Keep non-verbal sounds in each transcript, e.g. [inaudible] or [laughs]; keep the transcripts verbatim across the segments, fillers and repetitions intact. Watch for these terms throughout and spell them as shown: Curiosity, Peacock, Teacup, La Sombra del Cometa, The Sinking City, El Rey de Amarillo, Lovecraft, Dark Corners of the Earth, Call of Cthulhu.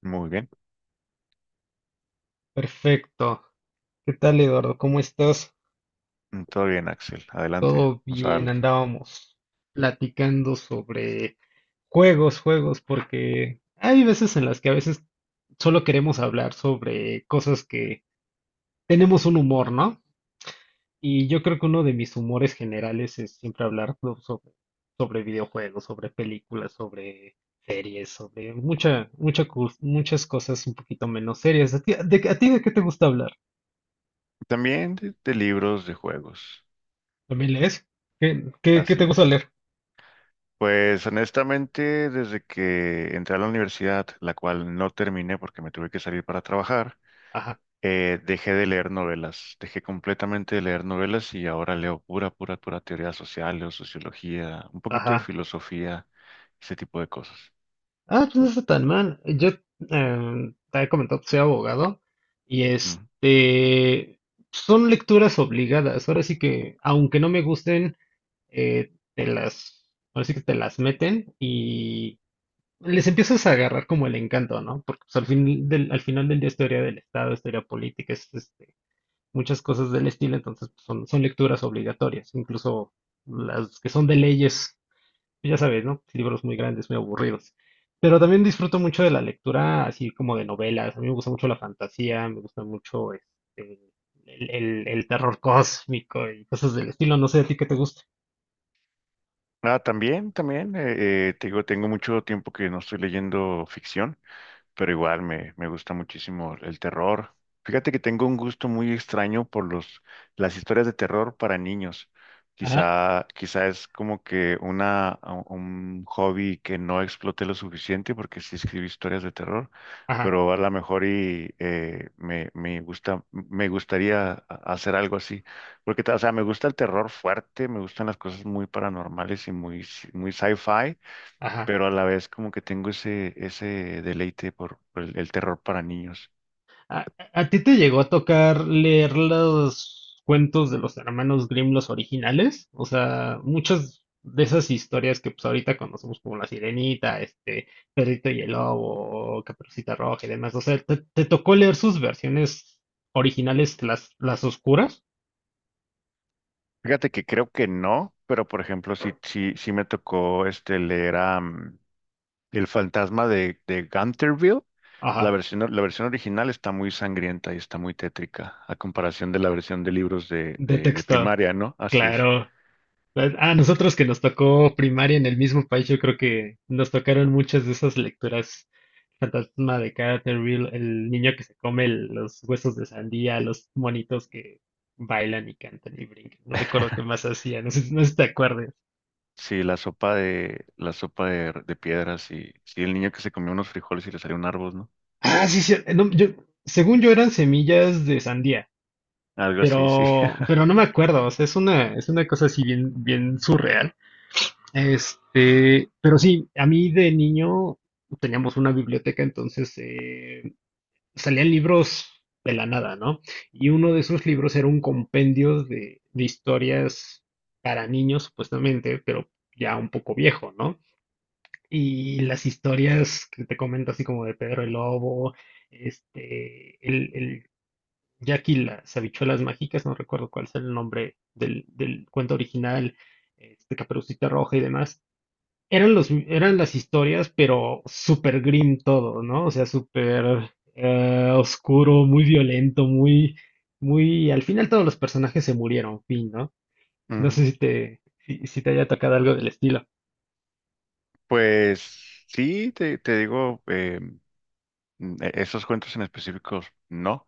Muy bien, Perfecto. ¿Qué tal, Eduardo? ¿Cómo estás? todo bien, Axel. Adelante, Todo vamos a bien, darle. andábamos platicando sobre juegos, juegos, porque hay veces en las que a veces solo queremos hablar sobre cosas que tenemos un humor, ¿no? Y yo creo que uno de mis humores generales es siempre hablar, ¿no?, sobre, sobre videojuegos, sobre películas, sobre series, sobre mucha, mucha, cos- muchas cosas un poquito menos serias. ¿A ti, de, a ti de qué te gusta hablar? También de, de libros de juegos. ¿También lees? ¿Qué, qué, qué te Así gusta es. leer? Pues honestamente, desde que entré a la universidad, la cual no terminé porque me tuve que salir para trabajar, Ajá, eh, dejé de leer novelas. Dejé completamente de leer novelas y ahora leo pura, pura, pura teoría social, o sociología, un poquito de ajá. filosofía, ese tipo de cosas. Ah, pues no está tan mal. Yo, em, te he comentado que soy abogado y Ujú. este son lecturas obligadas. Ahora sí que, aunque no me gusten, eh, te las, ahora sí que te las meten y les empiezas a agarrar como el encanto, ¿no? Porque pues, al fin del, al final del día es teoría del Estado, es teoría política, es este, muchas cosas del estilo, entonces pues, son, son lecturas obligatorias, incluso las que son de leyes. Ya sabes, ¿no? Libros muy grandes, muy aburridos. Pero también disfruto mucho de la lectura, así como de novelas. A mí me gusta mucho la fantasía, me gusta mucho este, el, el- el terror [laughs] cósmico y cosas del estilo. No sé a ti qué te gusta. Ah, también, también, eh, eh, te digo, tengo mucho tiempo que no estoy leyendo ficción. Pero igual me, me gusta muchísimo el terror. Fíjate que tengo un gusto muy extraño por los, las historias de terror para niños. Ajá, Quizá, quizá es como que una, un hobby que no exploté lo suficiente porque sí escribí historias de terror, ajá, pero a lo mejor y eh, me, me gusta, me gustaría a- hacer algo así. Porque, o sea, me gusta el terror fuerte, me gustan las cosas muy paranormales y muy, muy sci-fi, ajá. pero a la vez como que tengo ese, ese deleite por, por el, el terror para niños. ¿A, a ti te llegó a tocar leer los cuentos de los hermanos Grimm, los originales? O sea, muchas de esas historias que pues ahorita conocemos como La Sirenita, este, Perrito y el Lobo, Caperucita Roja y demás. O sea, ¿te, te tocó leer sus versiones originales, las, las oscuras? Fíjate que creo que no, pero por ejemplo, sí, sí, sí me tocó este leer a, mm, El fantasma de, de Gunterville. La Ajá, versión, la versión original está muy sangrienta y está muy tétrica, a comparación de la versión de libros de, de de, de texto, primaria, ¿no? Así es. claro. Pues, a nosotros que nos tocó primaria en el mismo país, yo creo que nos tocaron muchas de esas lecturas. Fantasma de Canterville, el niño que se come el- los huesos de sandía, los monitos que bailan y cantan y brincan. No recuerdo qué más [laughs] hacía, no sé, no sé si te acuerdas. Sí, la sopa de, la sopa de, de piedras y sí, el niño que se comió unos frijoles y le salió un árbol, ¿no? Ah, sí, sí, no, yo, según yo eran semillas de sandía, Algo así, sí. pero, pero no me acuerdo, o sea, es una, es una cosa así bien, bien surreal. Este, pero sí, a mí de niño teníamos una biblioteca, entonces salían libros de la nada, ¿no? Y uno de esos libros era un compendio de, de historias para niños, supuestamente, pero ya un poco viejo, ¿no? Y las historias que te comento, así como de Pedro el Lobo, este, el, el Jack y las habichuelas mágicas, no recuerdo cuál es el nombre del, del cuento original, este, Caperucita Roja y demás, eran los, eran las historias, pero súper grim todo, ¿no? O sea, súper eh, oscuro, muy violento, muy, muy. Al final todos los personajes se murieron, fin, ¿no? [laughs] No Ujú. sé si te, si, si te haya tocado algo del estilo. Pues sí, te, te digo, eh, mm, e- esos cuentos en específicos no,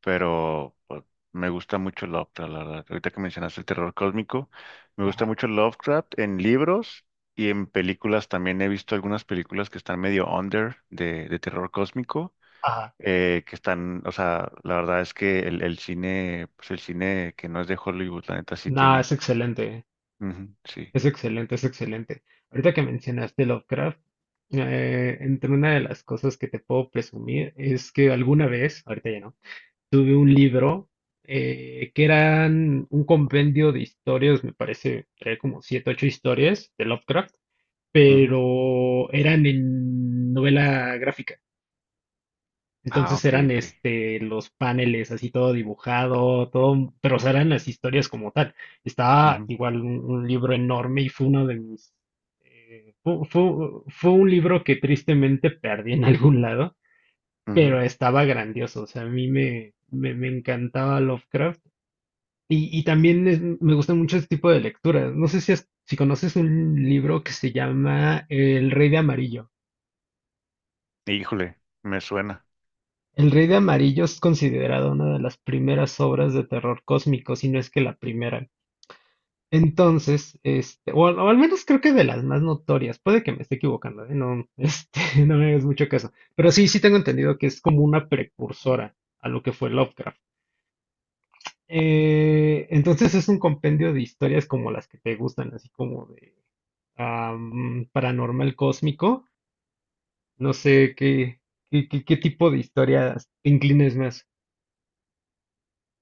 pero pues, me gusta mucho Lovecraft, la verdad. Ahorita que mencionaste el terror cósmico, me gusta Ajá, mucho Lovecraft en libros y en películas. También he visto algunas películas que están medio under de, de terror cósmico, ajá. eh, que están, o sea, la verdad es que el, el cine, pues el cine que no es de Hollywood, la neta sí No, tiene. es excelente, Ujú, sí. es excelente, es excelente. Ahorita que mencionaste Lovecraft, eh, entre una de las cosas que te puedo presumir es que alguna vez, ahorita ya no, tuve un libro, eh, que eran un compendio de historias, me parece, traía como siete, ocho historias de Lovecraft, Ujú. pero eran en novela gráfica. Ah, Entonces ok, eran ok. este los paneles así todo dibujado, todo, pero o sea, eran las historias como tal. Estaba Ujú, igual un, un libro enorme y fue uno de mis, eh, fu- fu- fue, un libro que tristemente perdí en [laughs] algún lado, ujú. pero estaba grandioso. O sea, a mí me, me, me encantaba Lovecraft y, y también es- me gustan mucho este tipo de lecturas. No sé si, has- si conoces un libro que se llama El Rey de Amarillo. Híjole, me suena. El Rey de Amarillo es considerado una de las primeras obras de terror cósmico, si no es que la primera. Entonces, este, o, al o al menos creo que de las más notorias. Puede que me esté equivocando, ¿eh? No, [laughs] este, no me hagas mucho caso. Pero sí, sí tengo entendido que es como una precursora a lo que fue Lovecraft. Eh, entonces es un compendio de historias como las que te gustan, así como de am, paranormal cósmico. No sé qué, qué, qué- qué tipo de historias te inclines más.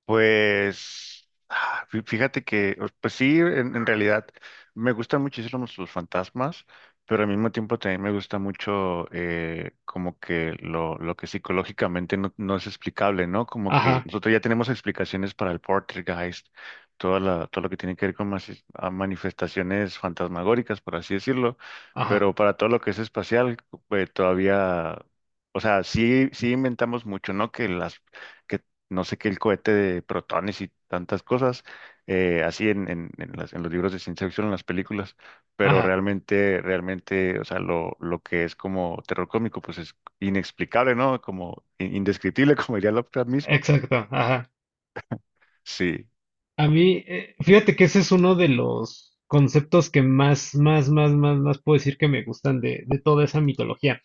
Pues ah, fí- fíjate que, o- pues sí, en, en realidad me gustan muchísimo los fantasmas, pero al mismo tiempo también me gusta mucho, eh, como que lo, lo que psicológicamente no, no es explicable, ¿no? Como que Ajá, nosotros ya tenemos explicaciones para el poltergeist, toda la, todo lo que tiene que ver con mas- a manifestaciones fantasmagóricas, por así decirlo, ajá, pero para todo lo que es espacial, pues todavía, o sea, sí, sí inventamos mucho, ¿no? Que las… que no sé qué, el cohete de protones y tantas cosas, eh, así en, en, en las- en los libros de ciencia ficción, en las películas, pero ajá, realmente, realmente, o sea, lo, lo que es como terror cómico, pues es inexplicable, ¿no? Como in- indescriptible, [laughs] como diría Lovecraft mismo. exacto, ajá. Sí, A mí, eh, fíjate que ese es uno de los conceptos que más, más, más, más, más puedo decir que me gustan de, de toda esa mitología.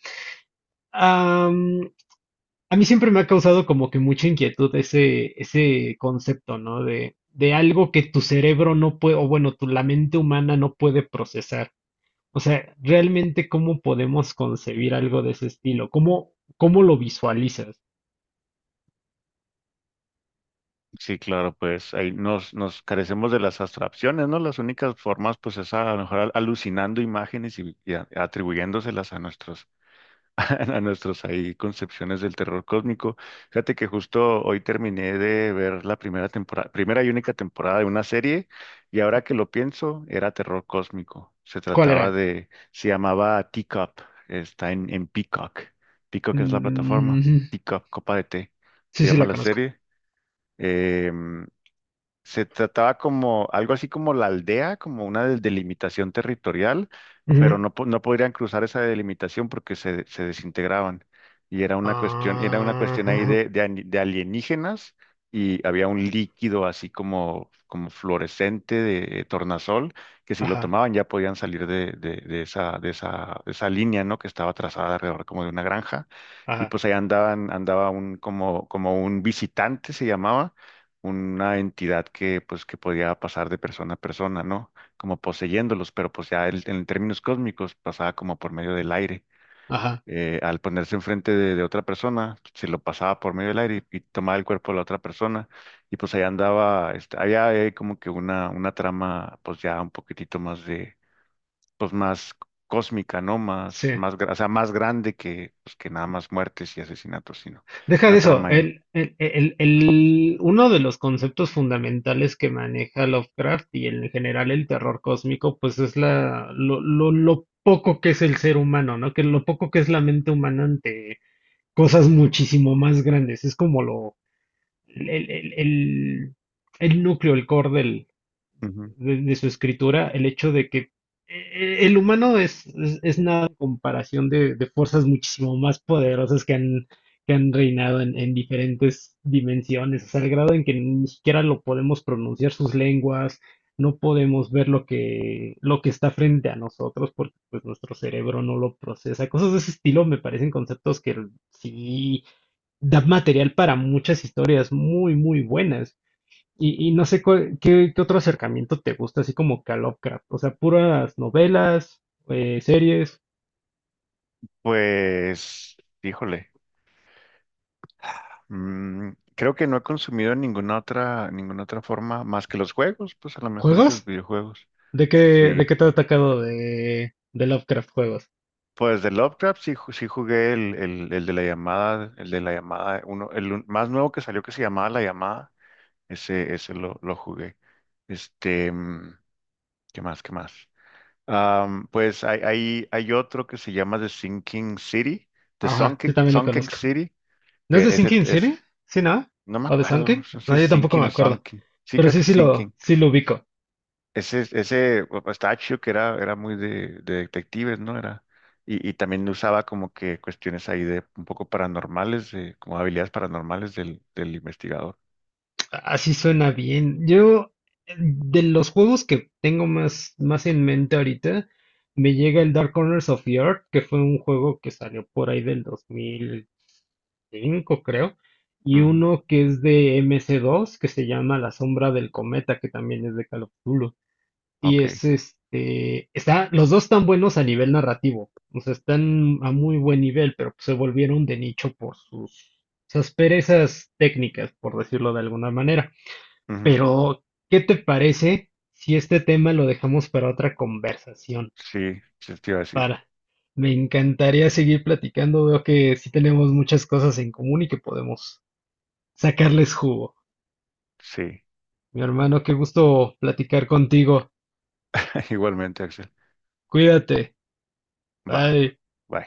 Am, a mí siempre me ha causado como que mucha inquietud ese, ese concepto, ¿no? De, de algo que tu cerebro no puede, o bueno, tu, la mente humana no puede procesar. O sea, realmente, ¿cómo podemos concebir algo de ese estilo? ¿Cómo, cómo lo visualizas? sí, claro, pues ahí nos, nos carecemos de las abstracciones, ¿no? Las únicas formas, pues es a lo mejor al- alucinando imágenes y, y a- atribuyéndoselas a nuestros [laughs] a nuestros ahí concepciones del terror cósmico. Fíjate que justo hoy terminé de ver la primera temporada, primera y única temporada de una serie, y ahora que lo pienso, era terror cósmico. Se ¿Cuál trataba era? de, se llamaba Teacup, está en, en Peacock. Peacock es la plataforma, Mm, [laughs] Teacup, copa de té, se sí, sí, llama la la conozco. serie. Em, se trataba como algo así como la aldea, como una del- delimitación territorial, pero Ujú. no, po- no podrían cruzar esa delimitación porque se, se desintegraban. Y era una cuestión, era una cuestión ahí Ah, de, de, ani- de alienígenas y había un líquido así como, como fluorescente de tornasol que si lo ajá, tomaban ya podían salir de, de, de esa, de esa, de esa línea, ¿no? Que estaba trazada alrededor como de una granja. Y ajá, pues ahí andaban, andaba un, como, como un visitante se llamaba una entidad que pues que podía pasar de persona a persona, ¿no? Como poseyéndolos, pero pues ya él, en términos cósmicos pasaba como por medio del aire. ajá. Eh, al ponerse enfrente de, de otra persona, se lo pasaba por medio del aire y, y tomaba el cuerpo de la otra persona y pues ahí andaba, este, había eh, como que una, una trama pues ya un poquitito más de, pues más cósmica, ¿no? Más, Sí, más, gra- o sea, más grande que, pues, que nada más muertes y asesinatos, sino deja de una eso. trama ahí. El, el- el- el- uno de los conceptos fundamentales que maneja Lovecraft y en general el terror cósmico, pues es la, lo, lo, lo poco que es el ser humano, ¿no? Que lo poco que es la mente humana ante cosas muchísimo más grandes. Es como lo, el, el- el- el núcleo, el core del- Ujú. de, de su escritura, el hecho de que eh, el humano es, es, es nada en comparación de, de fuerzas muchísimo más poderosas que han, que han reinado en, en diferentes dimensiones, hasta el grado en que ni siquiera lo podemos pronunciar sus lenguas, no podemos ver lo que, lo que está frente a nosotros porque pues nuestro cerebro no lo procesa. Cosas de ese estilo me parecen conceptos que sí da material para muchas historias muy, muy buenas. Y, y no sé cuál- qué, qué otro acercamiento te gusta, así como que a Lovecraft. O sea, puras novelas, eh, series, Pues, híjole. Mm, creo que no he consumido ninguna otra, ninguna otra forma más que los juegos, pues a lo mejor y los juegos. videojuegos. ¿De qué, de Sí. qué te ha atacado de, de Lovecraft juegos? Pues de Lovecraft sí, ju- sí jugué el, el, el de la llamada, el de la llamada, uno, el un- más nuevo que salió que se llamaba La Llamada, ese, ese lo, lo jugué. Este, mm, ¿qué más? ¿Qué más? Am, pues hay, hay, hay otro que se llama The Sinking City, The Ajá, sí, Sunken, también lo Sunken conozco. City, ¿No es que de ese Sinking es, City? ¿Sí, no? no me ¿O de acuerdo, no Sunken? sé si No, es yo tampoco Sinking me o acuerdo. Sunken. Sí, Pero creo que sí, es sí Sinking. lo, sí lo ubico. Ese, ese Pistachio que era, era muy de, de detectives, ¿no? Era, y, y también usaba como que cuestiones ahí de un poco paranormales, de, como habilidades paranormales del, del investigador. Así suena bien. Yo, eh, de los juegos que tengo más, más en mente ahorita, me llega el Dark Corners of the Earth, que fue un juego que salió por ahí del dos mil cinco, creo, y Ujú, uno que es de M C dos, que se llama La Sombra del Cometa, que también es de Call of Cthulhu. Y es ok. este, está, los dos están buenos a nivel narrativo, o sea, están a muy buen nivel, pero pues se volvieron de nicho por sus, sus perezas técnicas, por decirlo de alguna manera. Ujú. Pero, ¿qué te parece si este tema lo dejamos para otra conversación? Sí, sí, te iba a decir. Para, Me encantaría seguir platicando. Veo que sí tenemos muchas cosas en común y que podemos sacarles jugo. Sí, Mi hermano, qué gusto platicar contigo. [laughs] igualmente, Axel. Cuídate. Va, Bye. bye.